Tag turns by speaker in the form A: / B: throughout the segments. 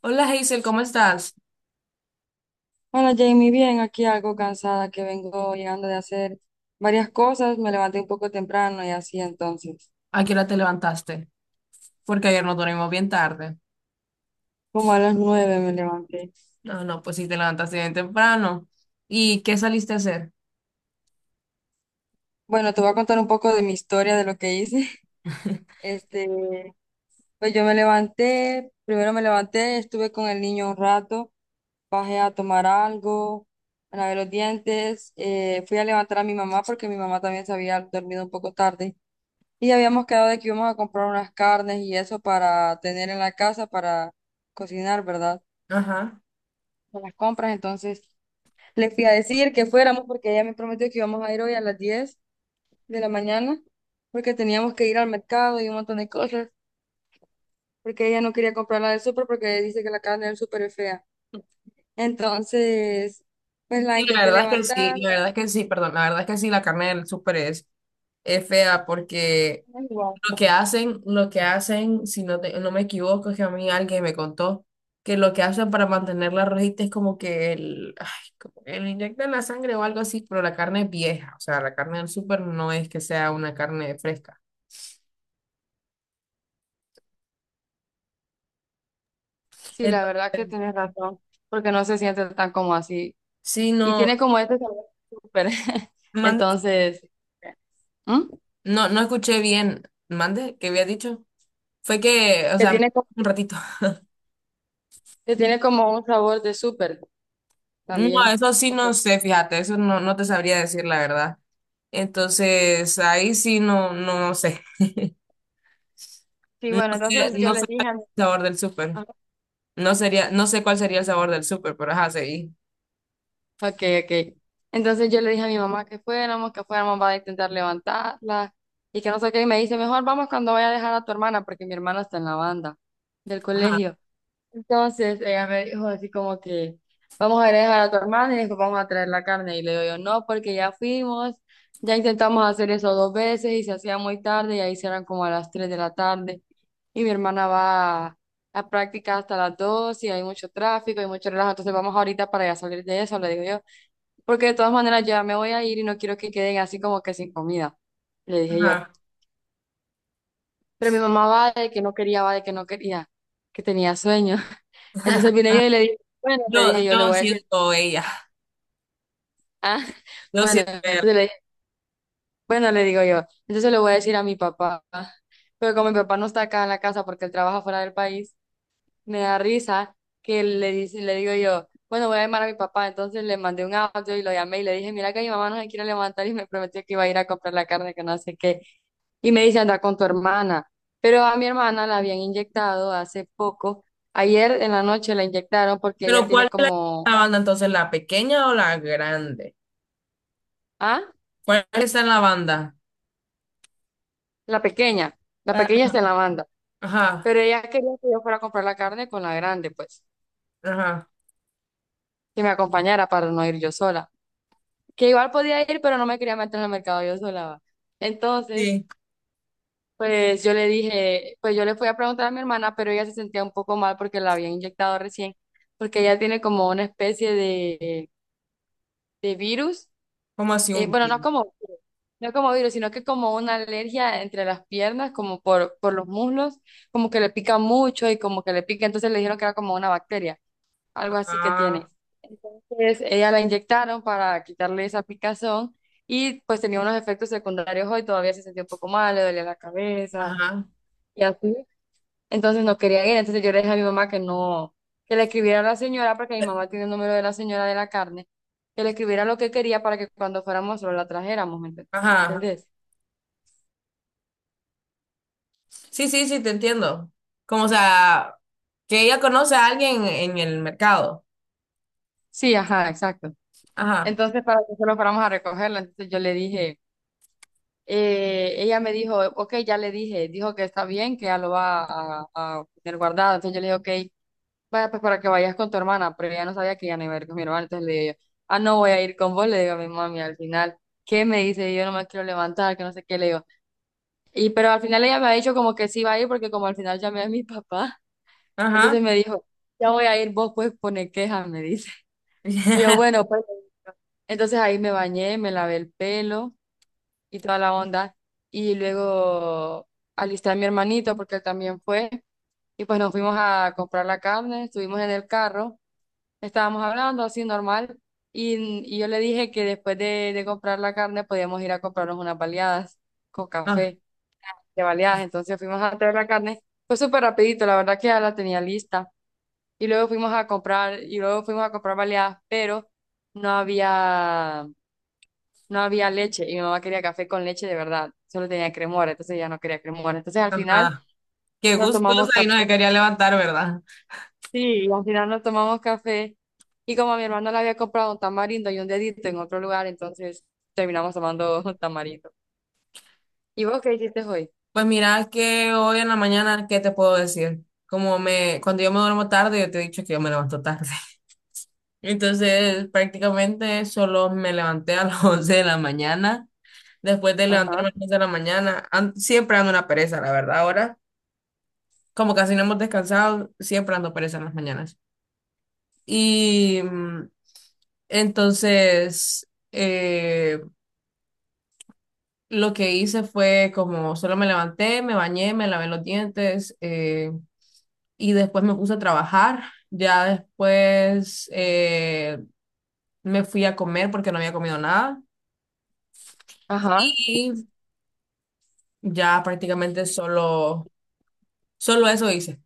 A: Hola Hazel, ¿cómo estás?
B: Hola Jamie, bien, aquí algo cansada que vengo llegando de hacer varias cosas. Me levanté un poco temprano y así entonces,
A: ¿A qué hora te levantaste? Porque ayer nos dormimos bien tarde.
B: como a las 9 me levanté.
A: No, no, pues sí, te levantaste bien temprano. ¿Y qué saliste a hacer?
B: Bueno, te voy a contar un poco de mi historia, de lo que hice. Este, pues primero me levanté, estuve con el niño un rato, bajé a tomar algo, me lavé los dientes, fui a levantar a mi mamá porque mi mamá también se había dormido un poco tarde. Y habíamos quedado de que íbamos a comprar unas carnes y eso para tener en la casa para cocinar, ¿verdad?
A: Ajá.
B: Para las compras. Entonces le fui a decir que fuéramos porque ella me prometió que íbamos a ir hoy a las 10 de la mañana porque teníamos que ir al mercado y un montón de cosas porque ella no quería comprar la del súper porque dice que la carne del súper es fea. Entonces, pues la
A: Y
B: intenté levantar.
A: la verdad es que sí, perdón, la verdad es que sí, la carne del súper es fea porque
B: Igual.
A: lo que hacen, si no, no me equivoco, es que a mí alguien me contó que lo que hacen para mantener la rojita es como que ay, como que le inyectan la sangre o algo así, pero la carne es vieja, o sea, la carne del súper no es que sea una carne fresca.
B: Sí, la verdad que
A: Entonces,
B: tienes razón porque no se siente tan como así.
A: sí,
B: Y
A: no,
B: tiene como este sabor súper.
A: mande-
B: Entonces, ¿Mm?
A: no, no escuché bien. ¿Mande? ¿Qué había dicho? Fue que, o
B: Que
A: sea,
B: tiene como,
A: un ratito.
B: que tiene como un sabor de súper
A: No,
B: también.
A: eso sí
B: Ok.
A: no sé, fíjate, eso no, no te sabría decir la verdad. Entonces, ahí sí no, no sé.
B: Sí,
A: No
B: bueno,
A: sé,
B: entonces yo
A: no
B: le
A: sé
B: dije
A: el
B: a mi...
A: sabor del súper.
B: Ajá.
A: No sería, no sé cuál sería el sabor del súper, pero ajá, seguí.
B: Ok, ok. Entonces yo le dije a mi mamá que fuéramos, va a intentar levantarla y que no sé qué. Y me dice, mejor vamos cuando vaya a dejar a tu hermana, porque mi hermana está en la banda del
A: Ajá,
B: colegio. Entonces ella me dijo así como que vamos a ir a dejar a tu hermana y después vamos a traer la carne. Y le digo yo, no, porque ya fuimos, ya intentamos hacer eso dos veces y se hacía muy tarde y ahí eran como a las 3 de la tarde. Y mi hermana va a práctica hasta las 2 y hay mucho tráfico y mucho relajo. Entonces vamos ahorita para ya salir de eso, le digo yo, porque de todas maneras ya me voy a ir y no quiero que queden así como que sin comida. Le dije yo.
A: ajá.
B: Pero mi mamá va de que no quería, va de que no quería, que tenía sueño. Entonces vine yo y le dije, bueno, le
A: Yo,
B: dije yo, le
A: yo
B: voy a decir,
A: siento ella.
B: ah,
A: Yo
B: bueno,
A: siento ella.
B: entonces le dije, bueno, le digo yo, entonces le voy a decir a mi papá. Pero como mi papá no está acá en la casa porque él trabaja fuera del país, me da risa que le dice, le digo yo, bueno, voy a llamar a mi papá. Entonces le mandé un audio y lo llamé y le dije, mira que mi mamá no se quiere levantar y me prometió que iba a ir a comprar la carne, que no sé qué. Y me dice, anda con tu hermana. Pero a mi hermana la habían inyectado hace poco. Ayer en la noche la inyectaron porque ella
A: Pero ¿cuál
B: tiene
A: es la
B: como,
A: la banda entonces? ¿La pequeña o la grande?
B: ah,
A: ¿Cuál está en la banda?
B: la pequeña. La pequeña está
A: Ajá,
B: en la banda.
A: ajá,
B: Pero ella quería que yo fuera a comprar la carne con la grande, pues,
A: ajá,
B: que me acompañara para no ir yo sola. Que igual podía ir, pero no me quería meter en el mercado yo sola, va. Entonces,
A: sí,
B: pues yo le dije, pues yo le fui a preguntar a mi hermana, pero ella se sentía un poco mal porque la había inyectado recién, porque ella tiene como una especie de, virus,
A: ¿como así un
B: bueno,
A: kilo?
B: no como virus, sino que como una alergia entre las piernas, como por, los muslos, como que le pica mucho y como que le pica, entonces le dijeron que era como una bacteria, algo así que tiene.
A: Ajá,
B: Entonces ella la inyectaron para quitarle esa picazón y pues tenía unos efectos secundarios hoy, todavía se sentía un poco mal, le dolía la cabeza.
A: ajá,
B: Y así. Entonces no quería ir, entonces yo le dije a mi mamá que no, que le escribiera a la señora, porque mi mamá tiene el número de la señora de la carne, que le escribiera lo que quería para que cuando fuéramos solo la trajéramos, ¿
A: ajá,
B: me
A: ajá.
B: entendés?
A: Sí, sí, sí, te entiendo. Como, o sea, que ella conoce a alguien en el mercado.
B: Sí, ajá, exacto.
A: Ajá,
B: Entonces para que solo fuéramos a recogerla, entonces yo le dije, ella me dijo, ok, ya le dije, dijo que está bien, que ya lo va a, tener guardado, entonces yo le dije, ok, vaya, pues para que vayas con tu hermana, pero ella no sabía que iban a ir con mi hermana, entonces le digo yo, ah, no voy a ir con vos, le digo a mi mami al final, ¿qué me dice? Yo no me quiero levantar, que no sé qué le digo. Y pero al final ella me ha dicho como que sí va a ir porque como al final llamé a mi papá,
A: ajá.
B: entonces me dijo, ya voy a ir, vos pues pone queja, me dice. Y yo, bueno, pues le digo. Entonces ahí me bañé, me lavé el pelo y toda la onda, y luego alisté a mi hermanito porque él también fue, y pues nos fuimos a comprar la carne, estuvimos en el carro. Estábamos hablando así normal y, y yo le dije que después de comprar la carne podíamos ir a comprarnos unas baleadas con
A: Ah,
B: café de baleadas. Entonces fuimos a traer la carne. Fue súper rapidito, la verdad que ya la tenía lista. Y luego fuimos a comprar, baleadas, pero no había, no había leche. Y mi mamá quería café con leche de verdad. Solo tenía cremora, entonces ya no quería cremora. Entonces al final
A: ajá, qué
B: no tomamos
A: gustosa y
B: café.
A: no me quería levantar, ¿verdad?
B: Sí, y al final nos tomamos café y como a mi hermano le había comprado un tamarindo y un dedito en otro lugar, entonces terminamos tomando tamarindo. ¿Y vos qué hiciste hoy?
A: Pues mira que hoy en la mañana, ¿qué te puedo decir? Como me, cuando yo me duermo tarde, yo te he dicho que yo me levanto tarde. Entonces, prácticamente solo me levanté a las 11 de la mañana después de
B: Ajá.
A: levantarme a las 10 de la mañana. Siempre ando una pereza, la verdad. Ahora, como casi no hemos descansado, siempre ando pereza en las mañanas. Y entonces, lo que hice fue como solo me levanté, me bañé, me lavé los dientes, y después me puse a trabajar. Ya después, me fui a comer porque no había comido nada
B: Ajá.
A: y ya prácticamente solo, solo eso hice.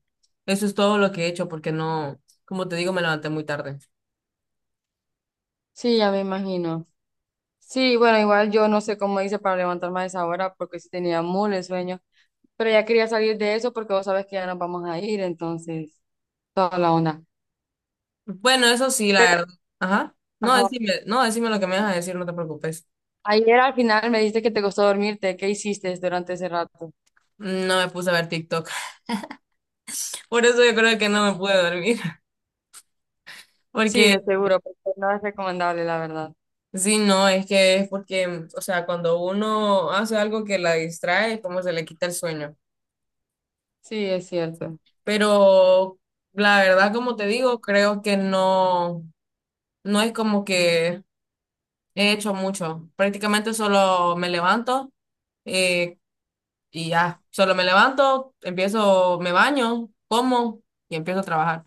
A: Eso es todo lo que he hecho porque no, como te digo, me levanté muy tarde.
B: Sí, ya me imagino. Sí, bueno, igual yo no sé cómo hice para levantarme a esa hora porque sí tenía muy de sueño, pero ya quería salir de eso porque vos sabes que ya nos vamos a ir, entonces toda la onda.
A: Bueno, eso sí, la
B: Pero,
A: verdad. Ajá. No,
B: ajá.
A: decime, no, decime lo que me vas a decir, no te preocupes.
B: Ayer al final me dijiste que te costó dormirte. ¿Qué hiciste durante ese rato?
A: No, me puse a ver TikTok. Por eso yo creo que no me pude dormir.
B: Sí, de
A: Porque,
B: seguro, porque no es recomendable, la verdad.
A: sí, no, es que es porque, o sea, cuando uno hace algo que la distrae, como se le quita el sueño.
B: Sí, es cierto.
A: Pero la verdad, como te digo, creo que no, no es como que he hecho mucho. Prácticamente solo me levanto. eh, y ya, solo me levanto, empiezo, me baño, como y empiezo a trabajar.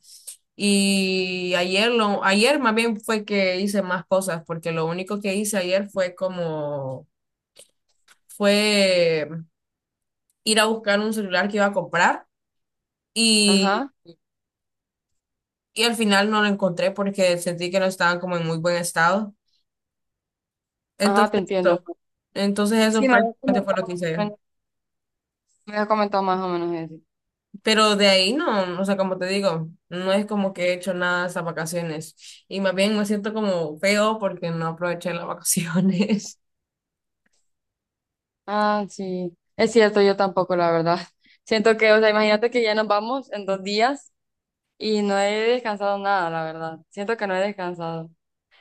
A: Y ayer, ayer más bien fue que hice más cosas, porque lo único que hice ayer fue como, fue ir a buscar un celular que iba a comprar y,
B: Ajá,
A: y al final no lo encontré porque sentí que no estaban como en muy buen estado.
B: ajá,
A: Entonces,
B: te entiendo.
A: eso, entonces eso
B: Sí,
A: prácticamente fue lo que hice ayer.
B: me habías comentado más o menos eso.
A: Pero de ahí no, o sea, como te digo, no es como que he hecho nada esas vacaciones. Y más bien me siento como feo porque no aproveché las vacaciones.
B: Ah, sí, es cierto, yo tampoco, la verdad. Siento que, o sea, imagínate que ya nos vamos en 2 días y no he descansado nada, la verdad. Siento que no he descansado.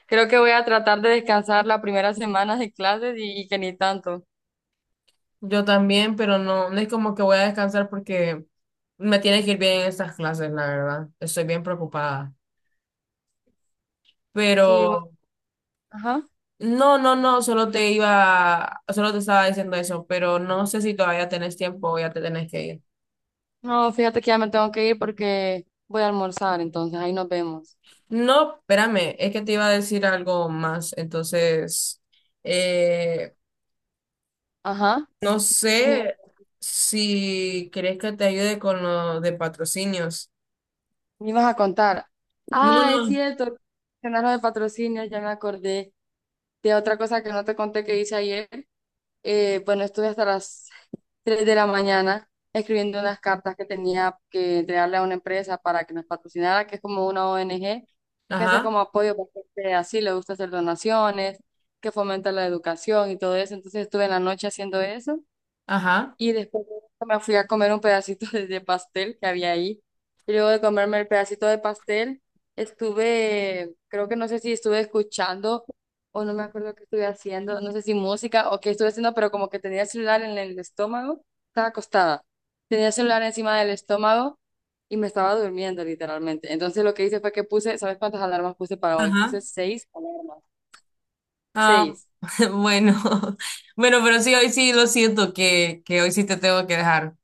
B: Creo que voy a tratar de descansar la primera semana de clases y que ni tanto.
A: Yo también, pero no, no es como que voy a descansar porque me tiene que ir bien en estas clases, la verdad. Estoy bien preocupada. Pero
B: Sí, bueno, ajá.
A: no, no, no, solo te iba, solo te estaba diciendo eso, pero no sé si todavía tenés tiempo o ya te tenés que ir.
B: No, fíjate que ya me tengo que ir porque voy a almorzar, entonces ahí nos vemos.
A: No, espérame, es que te iba a decir algo más, entonces. Eh,
B: Ajá,
A: No
B: que me
A: sé si querés que te ayude con lo de patrocinios.
B: Me ibas a contar.
A: No,
B: Ah, es
A: no.
B: cierto. Cenar lo de patrocinio, ya me acordé de otra cosa que no te conté que hice ayer. Bueno, estuve hasta las 3 de la mañana escribiendo unas cartas que tenía que entregarle a una empresa para que nos patrocinara, que es como una ONG que hace
A: Ajá,
B: como apoyo para bastante así, le gusta hacer donaciones, que fomenta la educación y todo eso. Entonces estuve en la noche haciendo eso
A: ajá.
B: y después de eso me fui a comer un pedacito de, pastel que había ahí. Y luego de comerme el pedacito de pastel, estuve, creo que no sé si estuve escuchando o no me acuerdo qué estuve haciendo, no sé si música o qué estuve haciendo, pero como que tenía el celular en el estómago, estaba acostada. Tenía el celular encima del estómago y me estaba durmiendo literalmente. Entonces lo que hice fue que puse, ¿sabes cuántas alarmas puse para hoy? Puse
A: Ajá.
B: seis alarmas.
A: Ah,
B: Seis.
A: bueno. Bueno, pero sí, hoy sí lo siento que hoy sí te tengo que dejar.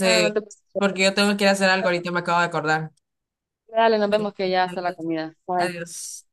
B: Ah, no te...
A: porque yo tengo que ir a hacer algo ahorita, me acabo de acordar.
B: Dale, nos
A: Bueno,
B: vemos que ya está la
A: adiós.
B: comida. Bye.
A: Adiós.